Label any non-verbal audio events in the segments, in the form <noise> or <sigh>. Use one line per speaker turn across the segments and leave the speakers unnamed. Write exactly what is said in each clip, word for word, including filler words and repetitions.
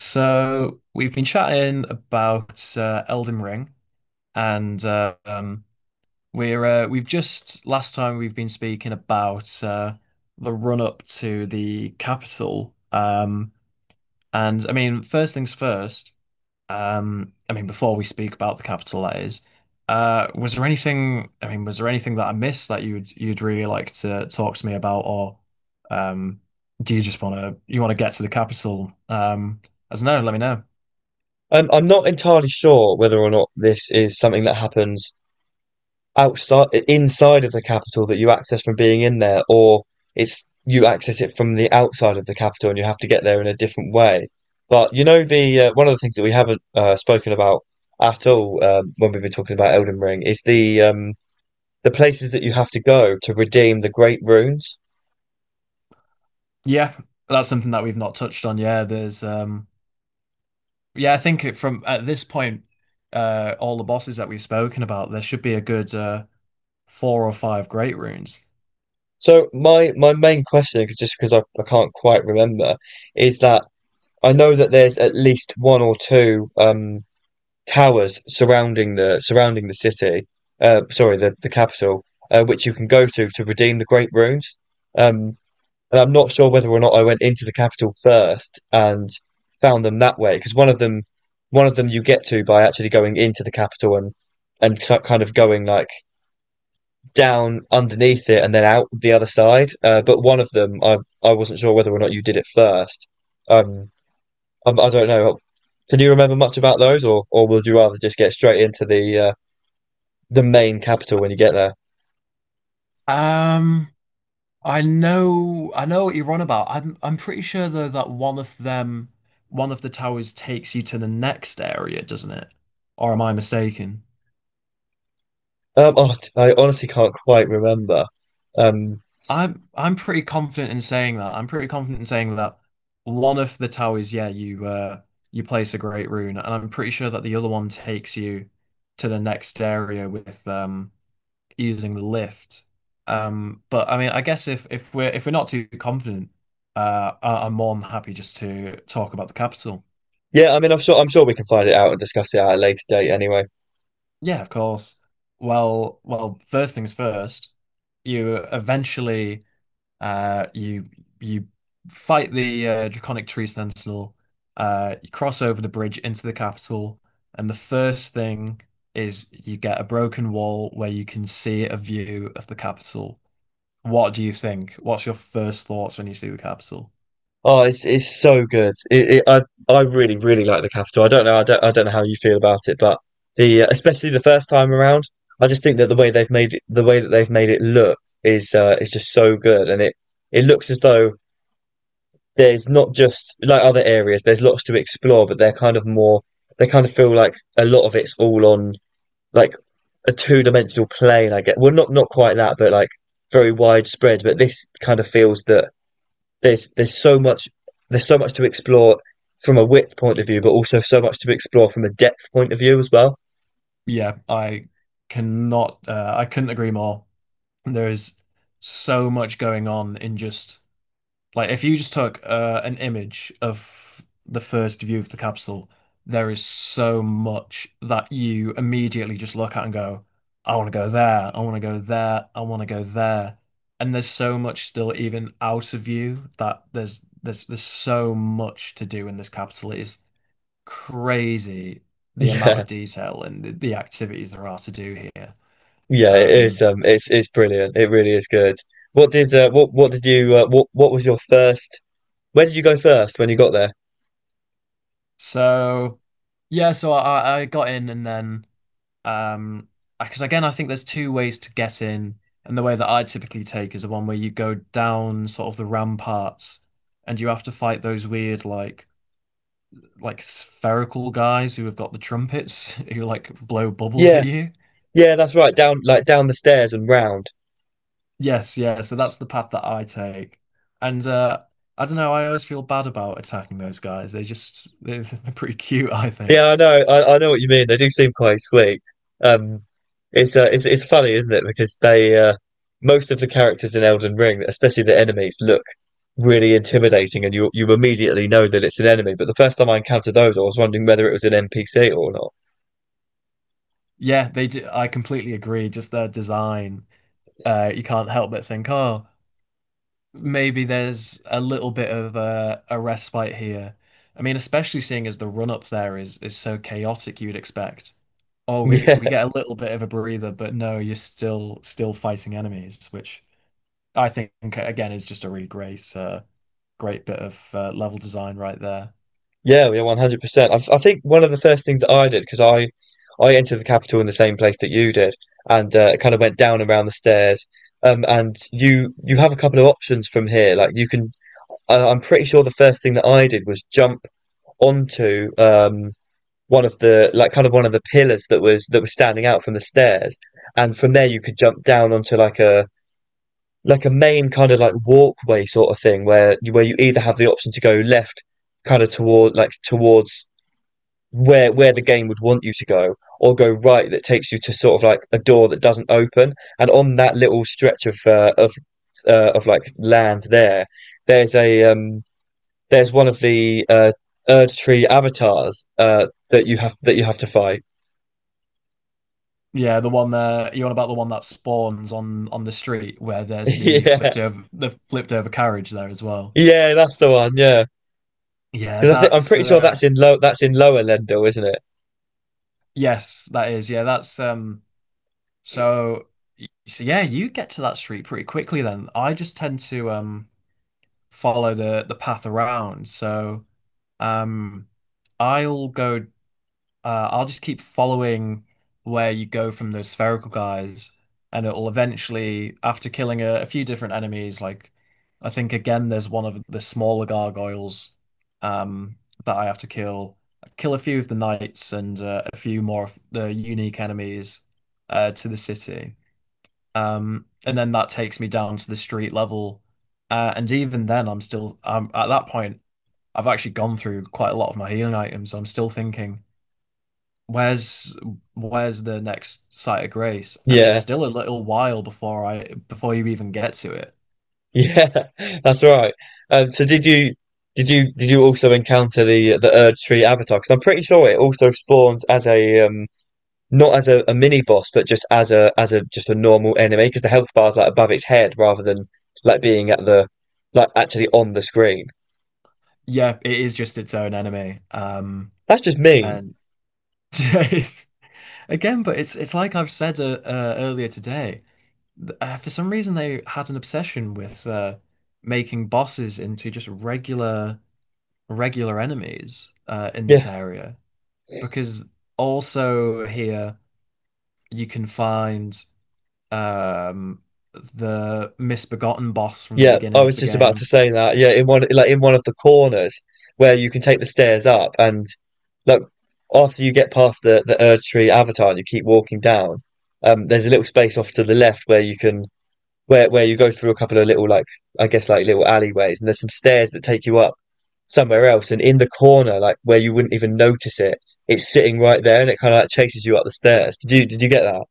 So we've been chatting about uh, Elden Ring, and uh, um, we're uh, we've just last time we've been speaking about uh, the run up to the capital. Um, and I mean, first things first. Um, I mean, before we speak about the capital, that is, uh, was there anything? I mean, was there anything that I missed that you'd you'd really like to talk to me about, or um, do you just want to you want to get to the capital? Um, as no, let me know.
Um, I'm not entirely sure whether or not this is something that happens outside, inside of the capital that you access from being in there, or it's you access it from the outside of the capital and you have to get there in a different way. But you know, the uh, one of the things that we haven't uh, spoken about at all um, when we've been talking about Elden Ring is the um, the places that you have to go to redeem the great runes.
Yeah, that's something that we've not touched on. Yeah, there's um yeah, I think it- from at this point, uh all the bosses that we've spoken about, there should be a good uh four or five great runes.
So my my main question question, 'cause- just because I, I can't quite remember, is that I know that there's at least one or two. Um, towers surrounding the surrounding the city, uh, sorry, the the capital, uh, which you can go to to redeem the Great Runes. Um, and I'm not sure whether or not I went into the capital first and found them that way, because one of them, one of them you get to by actually going into the capital and and so- kind of going like down underneath it and then out the other side. Uh, but one of them, I I wasn't sure whether or not you did it first. Um, I, I don't know. Can you remember much about those, or or would you rather just get straight into the uh, the main capital when you get there?
Um, I know, I know what you're on about. I'm, I'm pretty sure though that one of them, one of the towers takes you to the next area, doesn't it? Or am I mistaken?
Um, oh, I honestly can't quite remember. Um,
I'm I'm pretty confident in saying that. I'm pretty confident in saying that one of the towers, yeah, you uh you place a great rune, and I'm pretty sure that the other one takes you to the next area with um using the lift. Um, but I mean, I guess if if we're if we're not too confident, uh, I- I'm more than happy just to talk about the capital.
yeah, I mean, I'm sure I'm sure we can find it out and discuss it at a later date. Anyway,
Yeah, of course. Well, well, first things first, you eventually. Uh, you you fight the uh, Draconic Tree Sentinel. Uh, you cross over the bridge into the capital, and the first thing is you get a broken wall where you can see a view of the capital. What do you think? What's your first thoughts when you see the capital?
oh, it's it's so good. It, it, I I really really like the capital. I don't know, I don't I don't know how you feel about it, but the uh, especially the first time around, I just think that the way they've made it, the way that they've made it look is uh, is just so good, and it it looks as though there's not just like other areas. There's lots to explore, but they're kind of more. They kind of feel like a lot of it's all on like a two-dimensional plane, I guess. Well, not not quite that, but like very widespread. But this kind of feels that there's there's so much there's so much to explore from a width point of view, but also so much to explore from a depth point of view as well.
Yeah, I cannot. Uh, I couldn't agree more. There is so much going on in just like if you just took uh, an image of the first view of the capsule, there is so much that you immediately just look at and go, I want to go there, I want to go there, I want to go there. And there's so much still even out of view that there's there's there's so much to do in this capital. It is crazy
<laughs>
the amount
Yeah,
of detail and the, the activities there are to do here.
yeah, it is.
Um,
Um, it's it's brilliant. It really is good. What did uh, what what did you uh, what what was your first? Where did you go first when you got there?
so yeah, so I, I got in and then. Um, because again, I think there's two ways to get in, and the way that I typically take is the one where you go down sort of the ramparts, and you have to fight those weird like like spherical guys who have got the trumpets <laughs> who like blow bubbles at
Yeah,
you.
yeah, that's right. Down like down the stairs and round.
Yes, yeah. So that's the path that I take, and uh, I don't know. I always feel bad about attacking those guys. They just <laughs> they're, they're pretty cute, I think.
Yeah, I know. I, I know what you mean. They do seem quite sweet. Um, it's uh, it's it's funny, isn't it? Because they uh, most of the characters in Elden Ring, especially the enemies, look really intimidating, and you you immediately know that it's an enemy. But the first time I encountered those, I was wondering whether it was an N P C or not.
Yeah, they do. I completely agree. Just their design, uh, you can't help but think, oh, maybe there's a little bit of a, a respite here. I mean, especially seeing as the run up there is is so chaotic, you'd expect, oh, we we get a
<laughs>
little bit of a breather, but no, you're still still fighting enemies, which I think again is just a really great uh, great bit of uh, level design right there.
Yeah, yeah, yeah, one hundred percent. I I think one of the first things that I did because I I entered the capital in the same place that you did, and uh, kind of went down around the stairs. Um, and you you have a couple of options from here. Like you can I, I'm pretty sure the first thing that I did was jump onto um, one of the like kind of one of the pillars that was that was standing out from the stairs, and from there you could jump down onto like a like a main kind of like walkway sort of thing where where you either have the option to go left, kind of toward like towards where where the game would want you to go, or go right that takes you to sort of like a door that doesn't open, and on that little stretch of uh, of uh, of like land there, there's a um there's one of the uh, Erd Tree avatars uh, that you have that you have to fight. <laughs>
Yeah, the one there you're on about the one that spawns on on the street where there's the flipped
Yeah,
over the flipped over carriage there as well.
yeah, that's the one. Yeah,
Yeah,
because I think I'm
that's
pretty sure
uh
that's in low that's in Lower Lendil, isn't it?
Yes, that is. Yeah, that's um So, y- so yeah, you get to that street pretty quickly then. I just tend to um follow the the path around. So, um I'll go uh I'll just keep following where you go from those spherical guys, and it'll eventually after killing a, a few different enemies, like I think again there's one of the smaller gargoyles um that I have to kill. Kill a few of the knights and uh, a few more of the unique enemies uh, to the city. Um, and then that takes me down to the street level. Uh, and even then, I'm still um, at that point, I've actually gone through quite a lot of my healing items. I'm still thinking, where's where's the next site of grace? And it's
Yeah,
still a little while before I before you even get to it.
yeah, <laughs> that's right. Um, so did you did you did you also encounter the the Erd Tree avatar? Because I'm pretty sure it also spawns as a um, not as a, a mini boss, but just as a as a just a normal enemy because the health bar's like above its head rather than like being at the like actually on the screen.
Yeah, it is just its own enemy. Um,
That's just mean.
and <laughs> Again, but it's it's like I've said uh, uh, earlier today. Uh, for some reason, they had an obsession with uh, making bosses into just regular regular enemies uh, in this
Yeah.
area because also here you can find um, the misbegotten boss from the
Yeah, I
beginning of
was
the
just about to
game.
say that. Yeah, in one like in one of the corners where you can take the stairs up and like after you get past the the Erd Tree Avatar and you keep walking down, um there's a little space off to the left where you can where where you go through a couple of little like I guess like little alleyways and there's some stairs that take you up somewhere else and in the corner like where you wouldn't even notice it, it's sitting right there and it kind of like chases you up the stairs. Did you did you get that?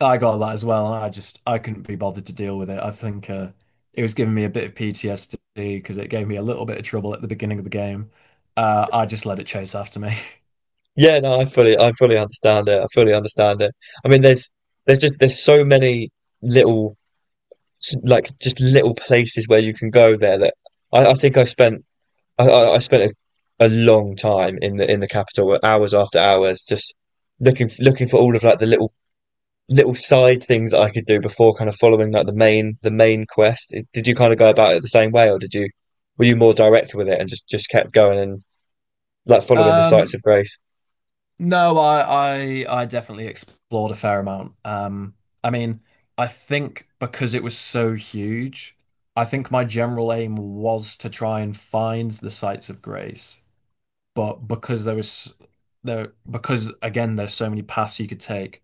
I got that as well. I just I couldn't be bothered to deal with it. I think uh, it was giving me a bit of P T S D because it gave me a little bit of trouble at the beginning of the game. Uh, I just let it chase after me. <laughs>
Yeah, no, I fully, I fully understand it. I fully understand it. I mean, there's, there's just, there's so many little, s- like, just little places where you can go there that I, I think I spent, I, I I spent a, a long time in the, in the capital, hours after hours, just looking, f- looking for all of like the little, little side things that I could do before kind of following like the main, the main quest. It- Did you kind of go about it the same way, or did you, were you more direct with it and just, just kept going and like following the sights
Um,
of Grace?
No, I, I I definitely explored a fair amount. Um, I mean, I think because it was so huge, I think my general aim was to try and find the sites of grace. But because there was there, because again, there's so many paths you could take,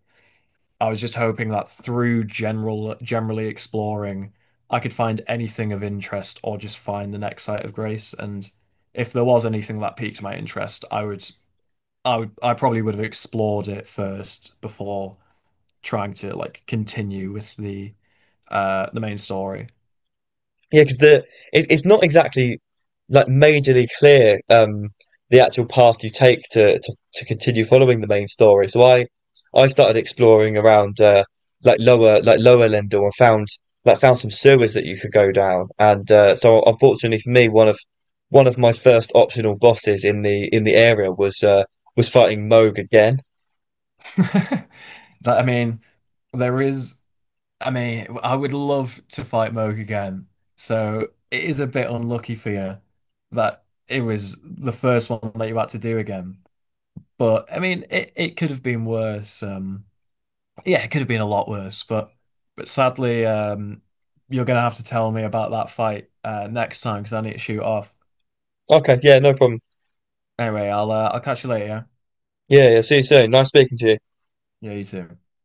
I was just hoping that through general generally exploring, I could find anything of interest or just find the next site of grace. And if there was anything that piqued my interest, I would I would, I probably would have explored it first before trying to like continue with the uh the main story.
Yeah, because the it, it's not exactly like majorly clear um the actual path you take to to, to continue following the main story. So I I started exploring around uh like lower like lower Lindor and found like found some sewers that you could go down. And uh, so unfortunately for me, one of one of my first optional bosses in the in the area was uh was fighting Moog again.
<laughs> That I mean, there is I mean, I would love to fight Moog again. So it is a bit unlucky for you that it was the first one that you had to do again. But I mean, it, it could have been worse. Um, yeah, it could have been a lot worse, but but sadly, um, you're gonna have to tell me about that fight uh, next time because I need to shoot off.
Okay, yeah, no problem.
Anyway, I'll uh, I'll catch you later.
Yeah, yeah, see you soon. Nice speaking to you.
Yeah, yeah, you too.